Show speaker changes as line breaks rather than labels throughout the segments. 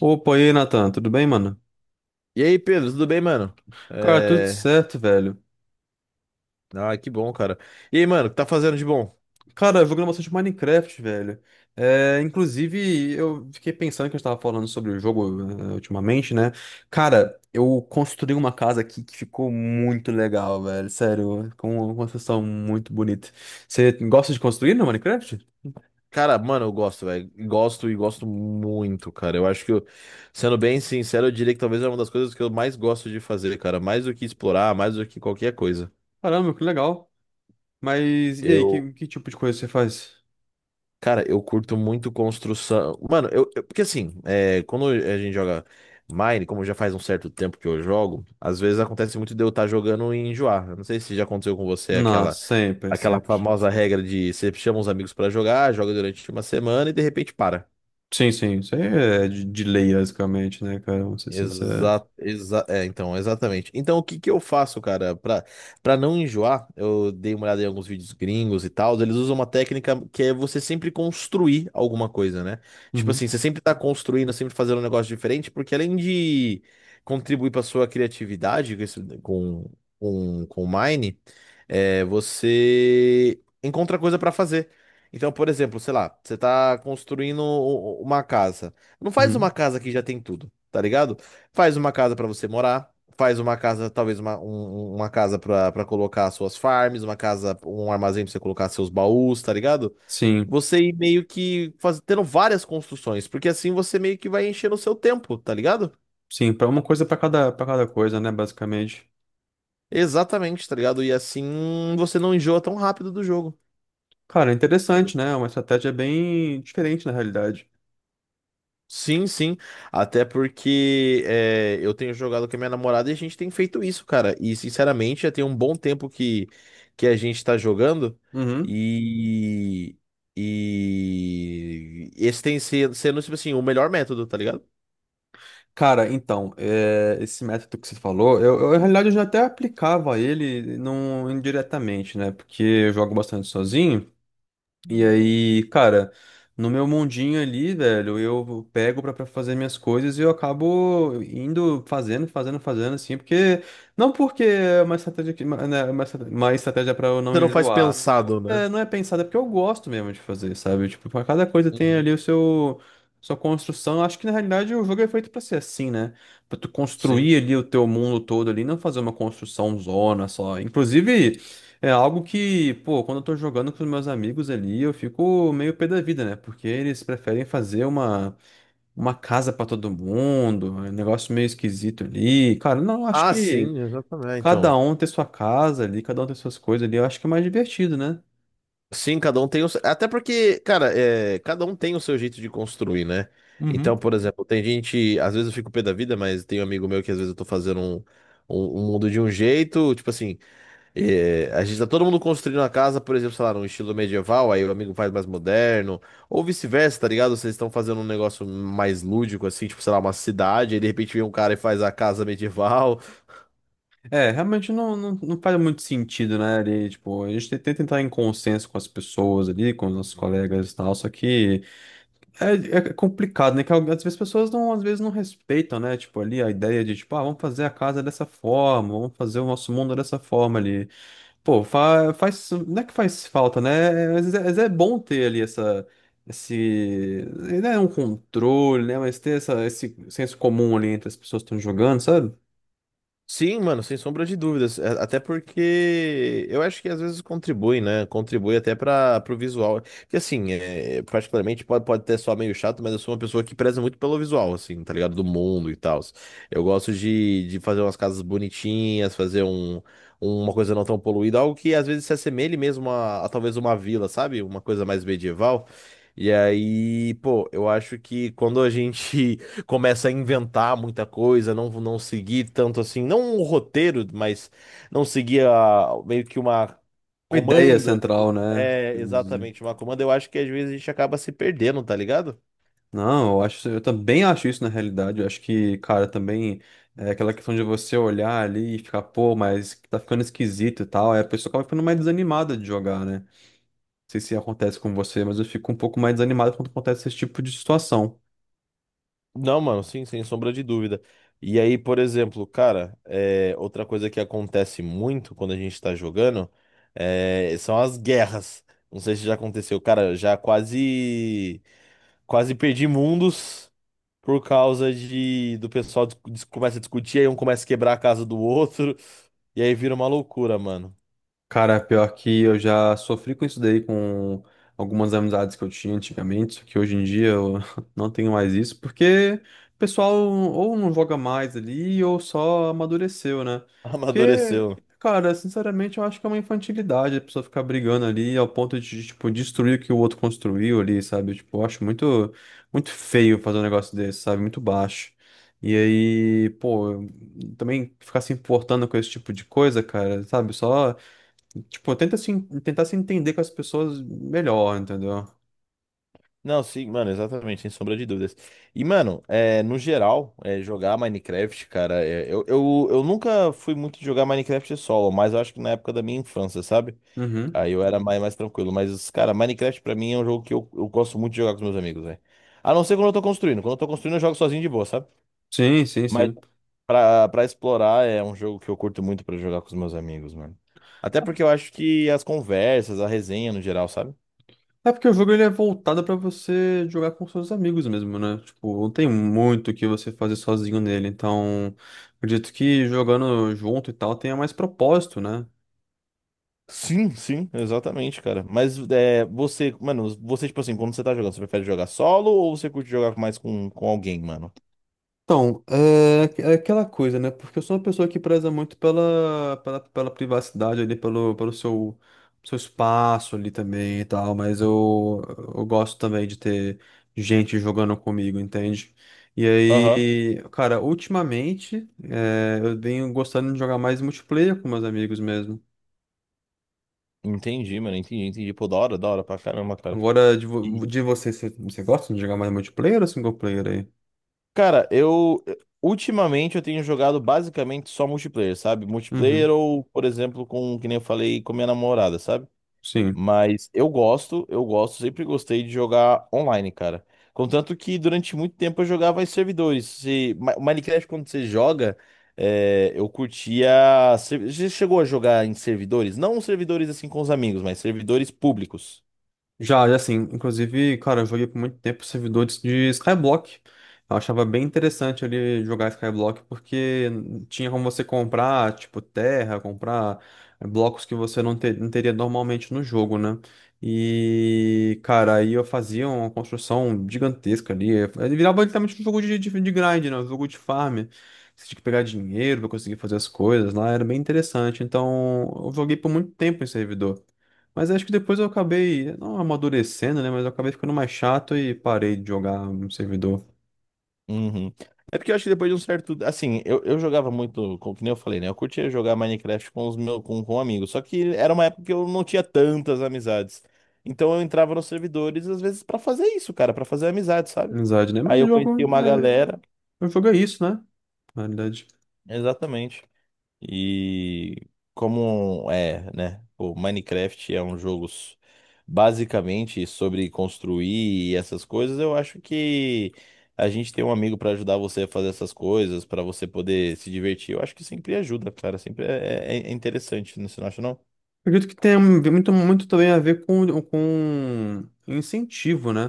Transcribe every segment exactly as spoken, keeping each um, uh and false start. Opa, e aí, Nathan, tudo bem, mano?
E aí, Pedro, tudo bem, mano?
Cara, tudo
É...
certo, velho.
Ah, que bom, cara. E aí, mano, o que tá fazendo de bom?
Cara, eu joguei bastante Minecraft, velho. É, inclusive, eu fiquei pensando que a gente tava falando sobre o jogo, eh, ultimamente, né? Cara, eu construí uma casa aqui que ficou muito legal, velho. Sério, com uma construção muito bonita. Você gosta de construir no Minecraft?
Cara, mano, eu gosto, velho. Gosto e gosto muito, cara. Eu acho que, eu- Sendo bem sincero, eu diria que talvez é uma das coisas que eu mais gosto de fazer, cara. Mais do que explorar, mais do que qualquer coisa.
Caramba, que legal. Mas e aí,
Eu,
que, que tipo de coisa você faz?
Cara, eu curto muito construção. Mano, eu, eu- porque assim, é, quando a gente joga Mine, como já faz um certo tempo que eu jogo, às vezes acontece muito de eu estar jogando e enjoar. Eu não sei se já aconteceu com você
Não,
aquela.
sempre,
Aquela
sempre.
famosa regra de você chama os amigos pra jogar, joga durante uma semana e de repente para.
Sim, sim, isso aí é de, de lei, basicamente, né, cara? Vamos ser sincero.
Exa exa é, então, exatamente. Então, o que que eu faço, cara, pra, pra não enjoar? Eu dei uma olhada em alguns vídeos gringos e tal. Eles usam uma técnica que é você sempre construir alguma coisa, né? Tipo assim, você sempre tá construindo, sempre fazendo um negócio diferente, porque além de contribuir pra sua criatividade com, esse- com, com, com o Mine, é, você encontra coisa pra fazer. Então, por exemplo, sei lá, você tá construindo u- u- uma casa. Não faz uma
Uhum.
casa que já tem tudo, tá ligado? Faz uma casa para você morar, faz uma casa, talvez uma, um- um, uma casa para colocar suas farms, uma casa, um armazém para você colocar seus baús, tá ligado?
Sim,
Você ir meio que faz, tendo várias construções, porque assim você meio que vai enchendo o seu tempo, tá ligado?
sim, para uma coisa para cada, para cada coisa, né, basicamente.
Exatamente, tá ligado? E assim você não enjoa tão rápido do jogo.
Cara, é interessante, né? é Uma estratégia bem diferente na realidade.
Sim, sim. Até porque é, eu tenho jogado com a minha namorada e a gente tem feito isso, cara. E sinceramente, já tem um bom tempo que, que a gente tá jogando.
Uhum.
E, e esse tem sido, sendo, tipo assim, o melhor método, tá ligado?
Cara, então, é, esse método que você falou, eu, eu, na realidade eu já até aplicava ele não indiretamente, né? Porque eu jogo bastante sozinho. E aí, cara, no meu mundinho ali, velho, eu pego pra pra fazer minhas coisas e eu acabo indo fazendo, fazendo, fazendo, assim, porque. Não porque é uma estratégia, que- uma, né, uma estra- uma estratégia pra eu
Você
não
não É, faz
enjoar.
pensado, né?
É, não é pensada, é porque eu gosto mesmo de fazer, sabe? Tipo, pra cada coisa tem
Uhum.
ali o seu. Sua construção, acho que na realidade o jogo é feito pra ser assim, né? Pra tu
Sim.
construir ali o teu mundo todo ali, não fazer uma construção zona só. Inclusive. É algo que, pô, quando eu tô jogando com os meus amigos ali, eu fico meio pé da vida, né? Porque eles preferem fazer uma, uma casa pra todo mundo, é um negócio meio esquisito ali. Cara, não, eu acho
Ah,
que
sim, exatamente. Então.
cada um ter sua casa ali, cada um ter suas coisas ali, eu acho que é mais divertido, né?
Sim, cada um tem o seu... Até porque, cara, é, cada um tem o seu jeito de construir, né?
Uhum.
Então, por exemplo, tem gente. Às vezes eu fico pé da vida, mas tem um amigo meu que às vezes eu tô fazendo um, um, um mundo de um jeito. Tipo assim, é, a gente tá todo mundo construindo a casa, por exemplo, sei lá, num estilo medieval, aí o amigo faz mais moderno. Ou vice-versa, tá ligado? Vocês estão fazendo um negócio mais lúdico, assim, tipo, sei lá, uma cidade, aí de repente vem um cara e faz a casa medieval.
É, realmente não, não, não faz muito sentido, né? Ali, tipo, a gente tem que tentar entrar em consenso com as pessoas ali, com os nossos colegas e tal, só que. É, é complicado, né? Que às vezes as pessoas não, às vezes não respeitam, né? Tipo, ali a ideia de, tipo, ah, vamos fazer a casa dessa forma, vamos fazer o nosso mundo dessa forma ali. Pô, fa faz, não é que faz falta, né? Às vezes é, às vezes é bom ter ali essa, esse, não é um controle, né? Mas ter essa, esse senso comum ali entre as pessoas que estão jogando, sabe?
Sim, mano, sem sombra de dúvidas. É, até porque eu acho que às vezes contribui, né? Contribui até para o visual. Que assim, é, particularmente pode, pode até soar meio chato, mas eu sou uma pessoa que preza muito pelo visual, assim, tá ligado? Do mundo e tal. Eu gosto de, de fazer umas casas bonitinhas, fazer um, uma coisa não tão poluída, algo que às vezes se assemelhe mesmo a, a talvez uma vila, sabe? Uma coisa mais medieval. E aí, pô, eu acho que quando a gente começa a inventar muita coisa, não, não seguir tanto assim, não um roteiro, mas não seguir a- meio que uma
Uma ideia
comanda.
central, né?
É, exatamente, uma comanda. Eu acho que às vezes a gente acaba se perdendo, tá ligado?
Não, eu acho, eu também acho isso na realidade. Eu acho que, cara, também é aquela questão de você olhar ali e ficar, pô, mas tá ficando esquisito e tal. Aí a pessoa acaba ficando mais desanimada de jogar, né? Não sei se acontece com você, mas eu fico um pouco mais desanimado quando acontece esse tipo de situação.
Não, mano, sim, sem sombra de dúvida. E aí, por exemplo, cara, é, outra coisa que acontece muito quando a gente tá jogando é, são as guerras. Não sei se já aconteceu, cara, já quase. Quase perdi mundos por causa de do pessoal dis- dis- começa a discutir, aí um começa a quebrar a casa do outro, e aí vira uma loucura, mano.
Cara, pior que eu já sofri com isso daí com algumas amizades que eu tinha antigamente, só que hoje em dia eu não tenho mais isso, porque o pessoal ou não joga mais ali ou só amadureceu, né? Porque,
Amadureceu.
cara, sinceramente eu acho que é uma infantilidade a pessoa ficar brigando ali ao ponto de, tipo, destruir o que o outro construiu ali, sabe? Tipo, eu acho muito, muito feio fazer um negócio desse, sabe? Muito baixo. E aí, pô, também ficar se importando com esse tipo de coisa, cara, sabe? Só. Tipo, tenta se, en- tentar se entender com as pessoas melhor, entendeu?
Não, sim, mano, exatamente, sem sombra de dúvidas. E, mano, é, no geral, é, jogar Minecraft, cara, é, eu, eu, eu nunca fui muito de jogar Minecraft solo, mas eu acho que na época da minha infância, sabe?
Uhum.
Aí eu era mais, mais tranquilo. Mas, cara, Minecraft pra mim é um jogo que eu, eu gosto muito de jogar com os meus amigos, velho. A não ser quando eu tô construindo. Quando eu tô construindo, eu jogo sozinho de boa, sabe?
Sim, sim,
mas
sim.
Pra, pra explorar é um jogo que eu curto muito pra jogar com os meus amigos, mano. Até porque eu acho que as conversas, a resenha no geral, sabe?
É porque o jogo ele é voltado pra você jogar com seus amigos mesmo, né? Tipo, não tem muito o que você fazer sozinho nele. Então, acredito que jogando junto e tal tenha mais propósito, né?
Sim, sim, exatamente, cara. Mas é, você, mano, você, tipo assim, quando você tá jogando, você prefere jogar solo ou você curte jogar mais com, com alguém, mano?
Então, é aqu- é aquela coisa, né? Porque eu sou uma pessoa que preza muito pela, pela, pela privacidade ali, pelo, pelo seu, seu espaço ali também e tal, mas eu, eu gosto também de ter gente jogando comigo, entende? E
Aham.
aí, cara, ultimamente, é, eu venho gostando de jogar mais multiplayer com meus amigos mesmo.
Entendi, mano, entendi, entendi. Pô, da hora, da hora pra caramba, cara.
Agora, de, vo-
E,
de você, você, você gosta de jogar mais multiplayer ou single player aí?
cara, eu. Ultimamente eu tenho jogado basicamente só multiplayer, sabe? Multiplayer
Uhum,
ou, por exemplo, com, que nem eu falei, com minha namorada, sabe?
sim.
Mas eu gosto, eu gosto, sempre gostei de jogar online, cara. Contanto que durante muito tempo eu jogava em servidores. Se, Ma- Minecraft, quando você joga, é, eu curtia. ser- Você chegou a jogar em servidores? Não servidores assim com os amigos, mas servidores públicos.
Já, já sim. Inclusive, cara, eu joguei por muito tempo servidores de Skyblock. Eu achava bem interessante ali jogar Skyblock, porque tinha como você comprar, tipo, terra, comprar eh, blocos que você não, te- não teria normalmente no jogo, né? E, cara, aí eu fazia uma construção gigantesca ali. Ele virava literalmente um jogo de, de, de grind, né? Um jogo de farm. Você tinha que pegar dinheiro pra conseguir fazer as coisas lá, era bem interessante. Então, eu joguei por muito tempo em servidor. Mas acho que depois eu acabei, não amadurecendo, né? Mas eu acabei ficando mais chato e parei de jogar um servidor
Uhum. É porque eu acho que depois de um certo. Assim, eu, eu jogava muito, como que nem eu falei, né? Eu curtia jogar Minecraft com os meus com, com amigos. Só que era uma época que eu não tinha tantas amizades. Então eu entrava nos servidores, às vezes, pra fazer isso, cara, pra fazer amizade, sabe?
amizade, né? Mas
Aí
o
eu
jogo
conheci uma
é,
galera.
o jogo é isso, né? Na realidade.
Exatamente. E como é, né? O Minecraft é um jogo s- basicamente sobre construir e essas coisas, eu acho que a gente tem um amigo pra ajudar você a fazer essas coisas, pra você poder se divertir. Eu acho que sempre ajuda, cara. Sempre é, é- é interessante, né? Você não acha, não?
Eu acredito que tem muito, muito também a ver com, com incentivo, né?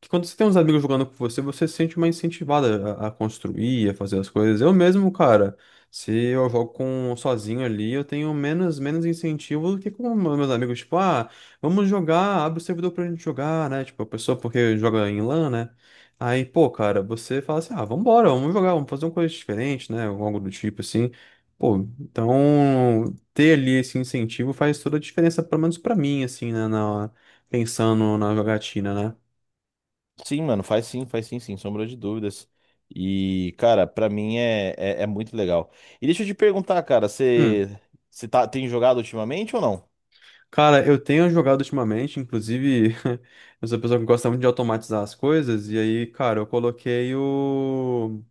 Que quando você tem uns amigos jogando com você, você se sente mais incentivada a, a construir, a fazer as coisas. Eu mesmo, cara, se eu jogo com sozinho ali, eu tenho menos menos incentivo do que com os meus amigos, tipo, ah, vamos jogar, abre o servidor pra gente jogar, né? Tipo, a pessoa porque joga em LAN, né? Aí, pô, cara, você fala assim, ah, vambora, vamos jogar, vamos fazer uma coisa diferente, né? Ou algo do tipo assim. Pô, então ter ali esse incentivo faz toda a diferença, pelo menos pra mim, assim, né? Na, pensando na jogatina, né?
Sim, mano, faz sim, faz sim, sem sombra de dúvidas. E, cara, pra mim é, é, é muito legal. E deixa eu te perguntar, cara,
Hum.
você, você tá, tem jogado ultimamente ou não?
Cara, eu tenho jogado ultimamente, inclusive, eu sou uma pessoa que gosta muito de automatizar as coisas, e aí, cara, eu coloquei o,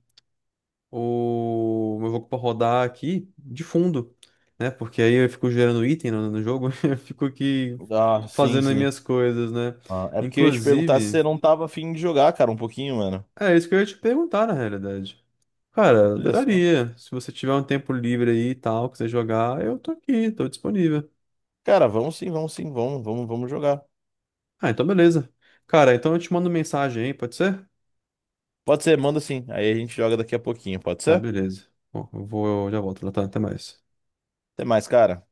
o meu jogo pra rodar aqui de fundo, né? Porque aí eu fico gerando item no, no jogo, eu fico aqui
Ah, sim,
fazendo as
sim.
minhas coisas, né?
Ah, é porque eu ia te perguntar se
Inclusive,
você não tava afim de jogar, cara, um pouquinho, mano.
é isso que eu ia te perguntar, na realidade. Cara, eu
Olha só.
adoraria. Se você tiver um tempo livre aí e tal, quiser jogar, eu tô aqui, tô disponível.
Cara, vamos sim, vamos sim, vamos, vamos, vamos jogar.
Ah, então beleza. Cara, então eu te mando mensagem aí, pode ser?
Pode ser, manda sim. Aí a gente joga daqui a pouquinho, pode
Tá,
ser?
beleza. Bom, eu vou, eu já volto, Natan. Até mais.
Até mais, cara.